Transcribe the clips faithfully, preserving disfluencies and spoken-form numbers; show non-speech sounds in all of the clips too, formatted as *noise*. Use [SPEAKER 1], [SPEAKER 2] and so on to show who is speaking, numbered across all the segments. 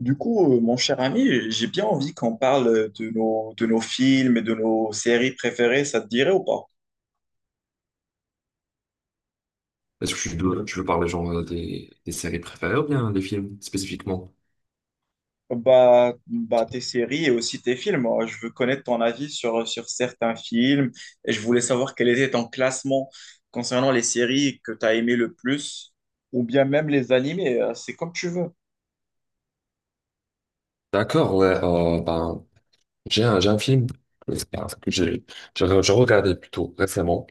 [SPEAKER 1] Du coup, euh, mon cher ami, j'ai bien envie qu'on parle de nos, de nos films et de nos séries préférées, ça te dirait ou pas?
[SPEAKER 2] Est-ce que tu veux, tu veux parler genre des, des séries préférées ou bien des films spécifiquement?
[SPEAKER 1] Bah, bah, tes séries et aussi tes films. Euh, Je veux connaître ton avis sur, sur certains films et je voulais savoir quel était ton classement concernant les séries que tu as aimées le plus ou bien même les animés. euh, C'est comme tu veux.
[SPEAKER 2] D'accord, ouais, euh, ben, j'ai un, j'ai un film que j'ai j'ai re- j'ai regardé plutôt récemment.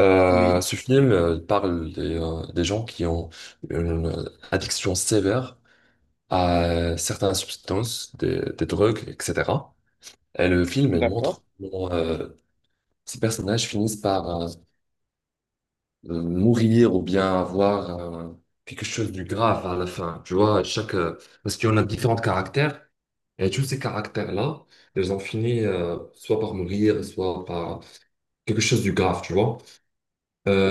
[SPEAKER 2] Euh,
[SPEAKER 1] Oui,
[SPEAKER 2] ce film euh, il parle des, euh, des gens qui ont une euh, addiction sévère à euh, certaines substances, des, des drogues, et cetera. Et le film, il
[SPEAKER 1] d'accord.
[SPEAKER 2] montre comment euh, ces personnages finissent par euh, euh, mourir ou bien avoir euh, quelque chose de grave à la fin. Tu vois, chaque, euh, parce qu'on a différents caractères et tous ces caractères-là, ils ont fini euh, soit par mourir, soit par quelque chose de grave, tu vois.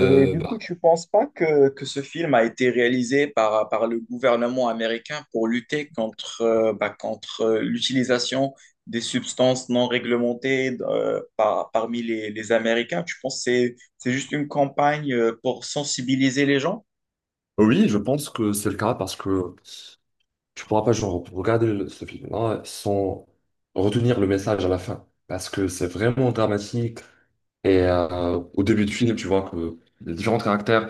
[SPEAKER 1] Et du coup,
[SPEAKER 2] bah,
[SPEAKER 1] tu penses pas que, que ce film a été réalisé par, par le gouvernement américain pour lutter contre, euh, bah, contre euh, l'utilisation des substances non réglementées euh, par- parmi les, les Américains? Tu penses que c'est, c'est juste une campagne euh, pour sensibiliser les gens?
[SPEAKER 2] oui, je pense que c'est le cas parce que tu pourras pas genre, regarder le- ce film-là sans retenir le message à la fin parce que c'est vraiment dramatique. Et euh, au début du film, tu vois que les différents caractères.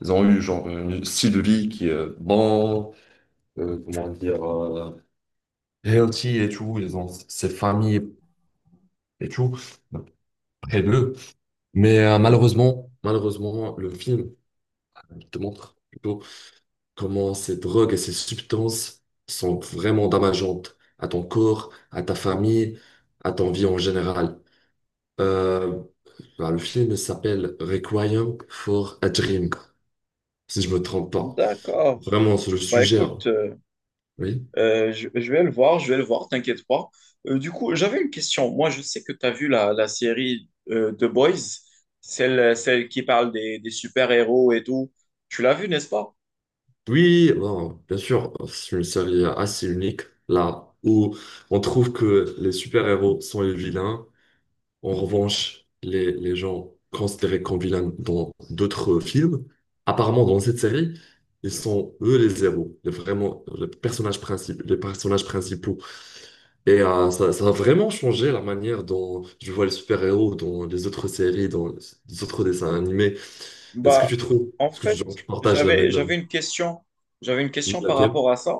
[SPEAKER 2] Ils ont eu genre un style de vie qui est euh, bon, euh, comment dire, euh, healthy et tout. Ils ont ces familles et tout près d'eux. Mais euh, malheureusement, malheureusement, le film te montre plutôt comment ces drogues et ces substances sont vraiment dommageantes à ton corps, à ta famille, à ton vie en général. Euh, bah, le film s'appelle Requiem for a Dream, si je me trompe pas.
[SPEAKER 1] D'accord.
[SPEAKER 2] Vraiment, c'est le
[SPEAKER 1] Bah
[SPEAKER 2] sujet, hein.
[SPEAKER 1] écoute. euh,
[SPEAKER 2] Oui.
[SPEAKER 1] Euh, je, je vais le voir, je vais le voir, t'inquiète pas. Euh, du coup, j'avais une question. Moi, je sais que tu as vu la, la série euh, The Boys, celle, celle qui parle des, des super-héros et tout. Tu l'as vue, n'est-ce pas?
[SPEAKER 2] Oui, bon, bien sûr, c'est une série assez unique, là où on trouve que les super-héros sont les vilains. En revanche, les, les gens considérés comme vilains dans d'autres films, apparemment dans cette série, ils sont eux les héros, les, vraiment les personnages principaux, les personnages principaux. Et euh, ça, ça a vraiment changé la manière dont je vois les super-héros dans les autres séries, dans les autres dessins animés. Est-ce que
[SPEAKER 1] Bah,
[SPEAKER 2] tu trouves,
[SPEAKER 1] en
[SPEAKER 2] est-ce que
[SPEAKER 1] fait,
[SPEAKER 2] tu, tu partages la
[SPEAKER 1] j'avais,
[SPEAKER 2] même... euh,
[SPEAKER 1] j'avais une question. J'avais une
[SPEAKER 2] Oui,
[SPEAKER 1] question par
[SPEAKER 2] laquelle?
[SPEAKER 1] rapport à ça.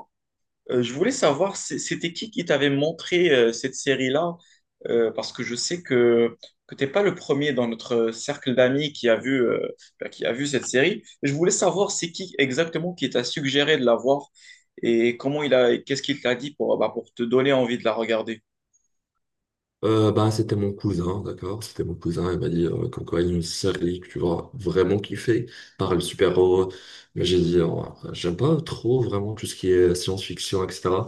[SPEAKER 1] Euh, je voulais savoir, c'est- c'était qui qui t'avait montré euh, cette série-là? Euh, parce que je sais que, que t'es pas le premier dans notre cercle d'amis qui a vu, euh, bah, qui a vu cette série. Je voulais savoir c'est qui exactement qui t'a suggéré de la voir et comment il a, qu'est-ce qu'il t'a dit pour, bah, pour te donner envie de la regarder.
[SPEAKER 2] Euh, bah, c'était mon cousin, d'accord? C'était mon cousin, il m'a dit euh, comme quoi il y a une série que tu vas vraiment kiffer, par le super-héros. Mais j'ai dit, euh, j'aime pas trop vraiment tout ce qui est science-fiction, et cetera.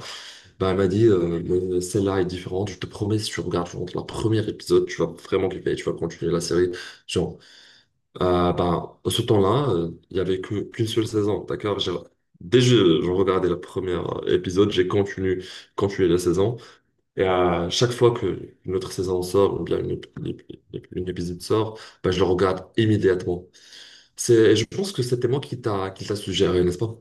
[SPEAKER 2] Bah, il m'a dit, euh, mais celle-là est différente, je te promets, si tu regardes genre, le premier épisode, tu vas vraiment kiffer, tu vas continuer la série. Genre, euh, bah, Ce temps-là, euh, il y avait que- qu'une seule saison, d'accord? J'ai- Dès que j'ai regardé le premier épisode, j'ai continué, continué la saison. Et à chaque fois que une autre saison sort ou bien une, ép- l'ép- l'ép- une épisode sort, ben, je le regarde immédiatement. C'est, je pense que c'était moi qui t'a qui t'a suggéré, n'est-ce pas?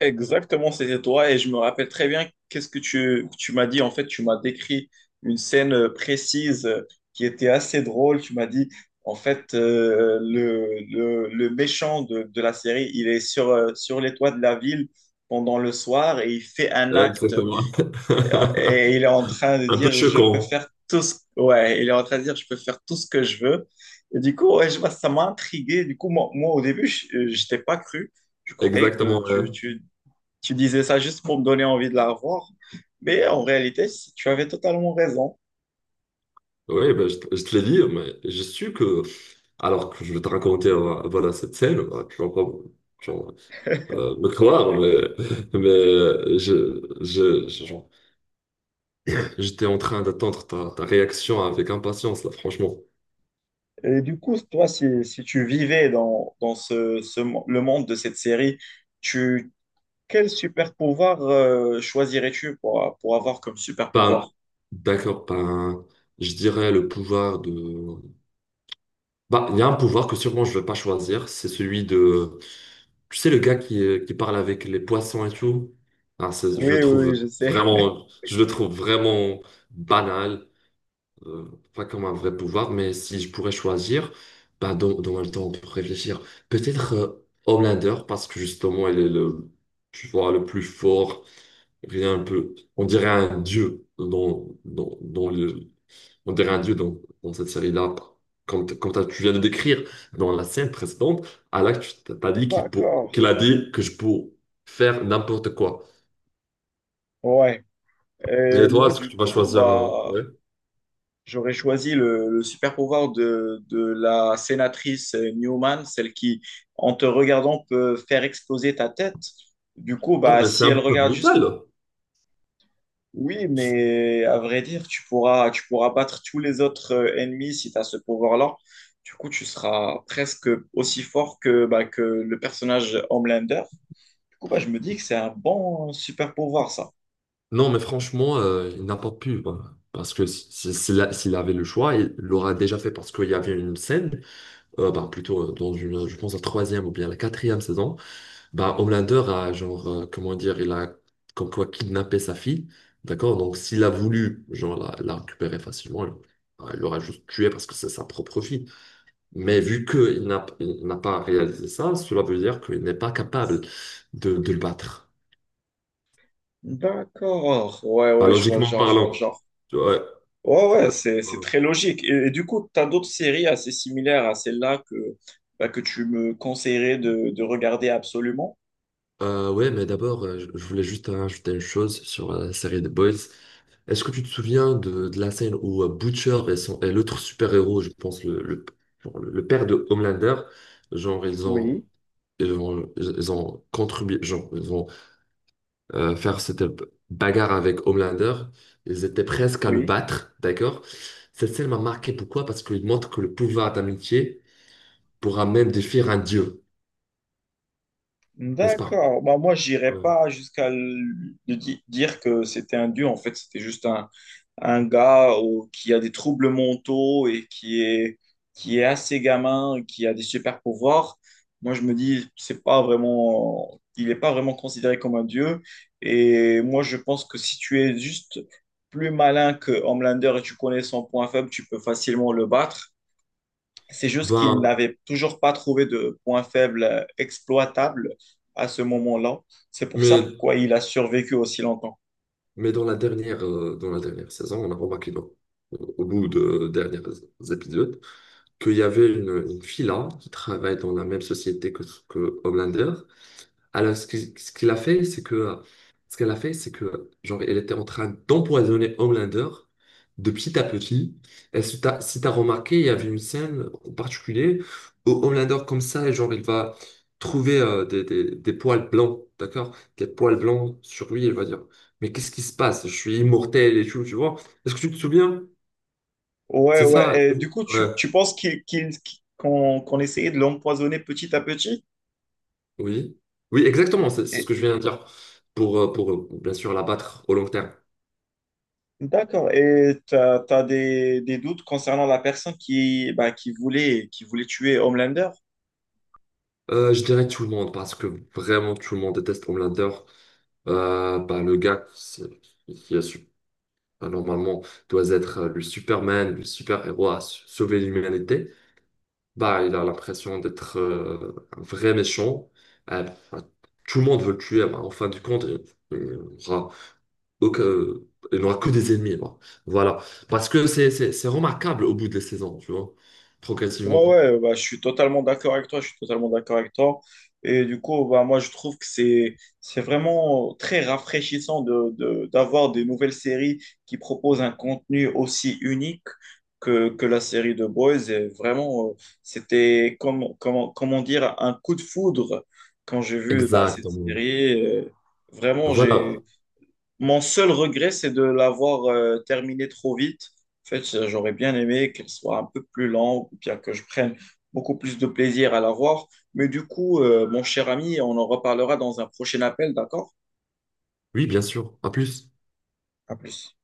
[SPEAKER 1] Exactement, c'était toi et je me rappelle très bien qu'est-ce que tu, tu m'as dit. En fait, tu m'as décrit une scène euh, précise euh, qui était assez drôle. Tu m'as dit, en fait, euh, le, le, le méchant de, de la série, il est sur, euh, sur les toits de la ville pendant le soir et il fait un acte
[SPEAKER 2] Exactement. *laughs*
[SPEAKER 1] et, il est en train de
[SPEAKER 2] Un peu
[SPEAKER 1] dire, je peux
[SPEAKER 2] choquant.
[SPEAKER 1] faire tout ce... Ouais, il est en train de dire, je peux faire tout ce que je veux. Et du coup, ouais, je ça m'a intrigué. Du coup, moi, moi, au début, je, je pas cru. Je croyais que
[SPEAKER 2] Exactement.
[SPEAKER 1] tu, tu, tu disais ça juste pour me donner envie de la voir, mais en réalité, c- tu avais totalement raison.
[SPEAKER 2] Oui, ben, je, te je te l'ai dit, mais j'ai su que, alors que je vais te raconter euh, voilà, cette scène, euh, tu vas pas genre, euh, me croire, mais, mais euh, je, je, je- genre, j'étais en train d'attendre ta, ta réaction avec impatience, là, franchement.
[SPEAKER 1] Et du coup, toi, si, si tu vivais dans, dans ce, ce mo- le monde de cette série, tu, quel super pouvoir euh, choisirais-tu pour, pour avoir comme super
[SPEAKER 2] Pas,
[SPEAKER 1] pouvoir?
[SPEAKER 2] d'accord, pas un- Je dirais le pouvoir de... Bah, il y a un pouvoir que sûrement je ne vais pas choisir, c'est celui de... Tu sais, le gars qui, euh, qui parle avec les poissons et tout. Ah, c'est- je
[SPEAKER 1] Oui,
[SPEAKER 2] le
[SPEAKER 1] oui,
[SPEAKER 2] trouve
[SPEAKER 1] oui, je sais.
[SPEAKER 2] vraiment, je le trouve vraiment banal, euh, pas comme un vrai pouvoir, mais si je pourrais choisir, bah, dans, dans le temps pour réfléchir, peut-être euh, Homelander, parce que justement, il est le, tu vois, le plus fort, rien un peu... On dirait un dieu dans, dans, dans le on dirait un dieu dans, dans cette série-là. Comme, t- comme t'as- tu viens de décrire dans la scène précédente, Alak, tu t- t'as dit qu'il pour-
[SPEAKER 1] D'accord.
[SPEAKER 2] qu'il a dit que je peux faire n'importe quoi.
[SPEAKER 1] Ouais.
[SPEAKER 2] Et
[SPEAKER 1] Et
[SPEAKER 2] toi,
[SPEAKER 1] moi,
[SPEAKER 2] est-ce que
[SPEAKER 1] du
[SPEAKER 2] tu vas
[SPEAKER 1] coup,
[SPEAKER 2] choisir un...
[SPEAKER 1] bah,
[SPEAKER 2] ouais.
[SPEAKER 1] j'aurais choisi le, le super pouvoir de, de la sénatrice Newman, celle qui, en te regardant, peut faire exploser ta tête. Du coup,
[SPEAKER 2] Oh,
[SPEAKER 1] bah,
[SPEAKER 2] mais c'est
[SPEAKER 1] si
[SPEAKER 2] un
[SPEAKER 1] elle
[SPEAKER 2] peu
[SPEAKER 1] regarde juste,
[SPEAKER 2] brutal.
[SPEAKER 1] oui, mais à vrai dire, tu pourras, tu pourras battre tous les autres euh, ennemis si tu as ce pouvoir-là. Du coup, tu seras presque aussi fort que, bah, que le personnage Homelander. Du coup, bah, je me dis que c'est un bon super pouvoir, ça.
[SPEAKER 2] Non, mais franchement, euh, il n'a pas pu, voilà. Parce que si- si- s'il a- s'il avait le choix, il l'aurait déjà fait parce qu'il y avait une scène, euh, bah, plutôt euh, dans une, je pense, la troisième ou bien la quatrième saison. Bah, Homelander a, genre, euh, comment dire, il a comme quoi kidnappé sa fille, d'accord? Donc, s'il a voulu, genre, la, la récupérer facilement, il bah, il l'aura juste tué parce que c'est sa propre fille. Mais vu qu'il n'a, il n'a pas réalisé ça, cela veut dire qu'il n'est pas capable de, de le battre.
[SPEAKER 1] D'accord. Ouais,
[SPEAKER 2] Bah,
[SPEAKER 1] ouais, je vois le
[SPEAKER 2] logiquement
[SPEAKER 1] genre, je vois le
[SPEAKER 2] parlant.
[SPEAKER 1] genre.
[SPEAKER 2] Ouais,
[SPEAKER 1] Ouais, ouais,
[SPEAKER 2] logiquement
[SPEAKER 1] c'est, c'est
[SPEAKER 2] parlant.
[SPEAKER 1] très logique. Et, et du coup, tu as d'autres séries assez similaires à celle-là que, bah, que tu me conseillerais de, de regarder absolument.
[SPEAKER 2] Euh, ouais, mais d'abord, euh, je je voulais juste ajouter une chose sur la série The Boys. Est-ce que tu te souviens de, de la scène où euh, Butcher et, son- et l'autre super-héros, je pense le, le, genre le- le père de Homelander, genre ils ont
[SPEAKER 1] Oui,
[SPEAKER 2] ils ont, ils ont contribué, genre ils ont euh, faire cette bagarre avec Homelander, ils étaient presque à le
[SPEAKER 1] oui.
[SPEAKER 2] battre, d'accord? Cette scène m'a marqué, pourquoi? Parce qu'il montre que le pouvoir d'amitié pourra même défier un dieu, n'est-ce pas?
[SPEAKER 1] D'accord. Bah, moi, j'irais
[SPEAKER 2] Ouais.
[SPEAKER 1] pas jusqu'à le- de di- dire que c'était un dieu. En fait, c'était juste un, un gars au- qui a des troubles mentaux et qui est, qui est assez gamin, qui a des super pouvoirs. Moi, je me dis, c'est pas vraiment, il n'est pas vraiment considéré comme un dieu. Et moi, je pense que si tu es juste plus malin que Homelander et tu connais son point faible, tu peux facilement le battre. C'est juste qu'ils
[SPEAKER 2] Ben,
[SPEAKER 1] n'avaient toujours pas trouvé de point faible euh, exploitable à ce moment-là. C'est pour ça
[SPEAKER 2] mais,
[SPEAKER 1] pourquoi il a survécu aussi longtemps.
[SPEAKER 2] mais dans la dernière, euh, dans la dernière saison, on a remarqué non, au bout de derniers épisodes, qu'il y avait une, une fille là qui travaille dans la même société que, que Homelander. Alors, ce qui- ce qu'il a fait, c'est que, ce qu'elle a fait, c'est que, genre, elle était en train d'empoisonner Homelander de petit à petit. Et si t'as, si t'as remarqué, il y avait une scène en particulier où Homelander, comme ça, genre, il va trouver euh, des, des, des poils blancs, d'accord? Des poils blancs sur lui, il va dire, mais qu'est-ce qui se passe? Je suis immortel et tout, tu vois? Est-ce que tu te souviens?
[SPEAKER 1] Ouais,
[SPEAKER 2] C'est ça,
[SPEAKER 1] ouais. Et du coup, tu,
[SPEAKER 2] ouais.
[SPEAKER 1] tu penses qu'il, qu'il- qu'on, qu'on essayait de l'empoisonner petit à petit?
[SPEAKER 2] Oui, oui, exactement, c'est c'est ce que
[SPEAKER 1] Et-
[SPEAKER 2] je viens de dire pour, euh, pour, euh, bien sûr l'abattre au long terme.
[SPEAKER 1] D'accord. Et tu as, des, des doutes concernant la personne qui, bah, qui voulait, qui voulait tuer Homelander?
[SPEAKER 2] Euh, je dirais tout le monde parce que vraiment tout le monde déteste Homelander. Euh, bah, le gars c'est- qui a su- bah, normalement doit être euh, le Superman, le super-héros à s- sauver l'humanité, bah, il a l'impression d'être euh, un vrai méchant. Euh, bah, Tout le monde veut le tuer, bah, en fin du compte, il, il aura aucun- il n'aura que des ennemis, quoi. Voilà. Parce que c'est c'est- c'est remarquable au bout des saisons, tu vois.
[SPEAKER 1] Ouais,
[SPEAKER 2] Progressivement.
[SPEAKER 1] ouais, bah, je suis totalement d'accord avec toi, je suis totalement d'accord avec toi. Et du coup, bah, moi, je trouve que c'est, c'est vraiment très rafraîchissant de, de- d'avoir des nouvelles séries qui proposent un contenu aussi unique que, que la série de Boys. Et vraiment, euh, c'était, comme, comment, comment dire, un coup de foudre quand j'ai vu bah, cette
[SPEAKER 2] Exactement.
[SPEAKER 1] série. Euh, vraiment,
[SPEAKER 2] Voilà.
[SPEAKER 1] mon seul regret, c'est de l'avoir euh, terminé trop vite. En fait, j'aurais bien aimé qu'elle soit un peu plus lente, ou bien que je prenne beaucoup plus de plaisir à la voir. Mais du coup, euh, mon cher ami, on en reparlera dans un prochain appel, d'accord?
[SPEAKER 2] Oui, bien sûr. À plus.
[SPEAKER 1] À plus.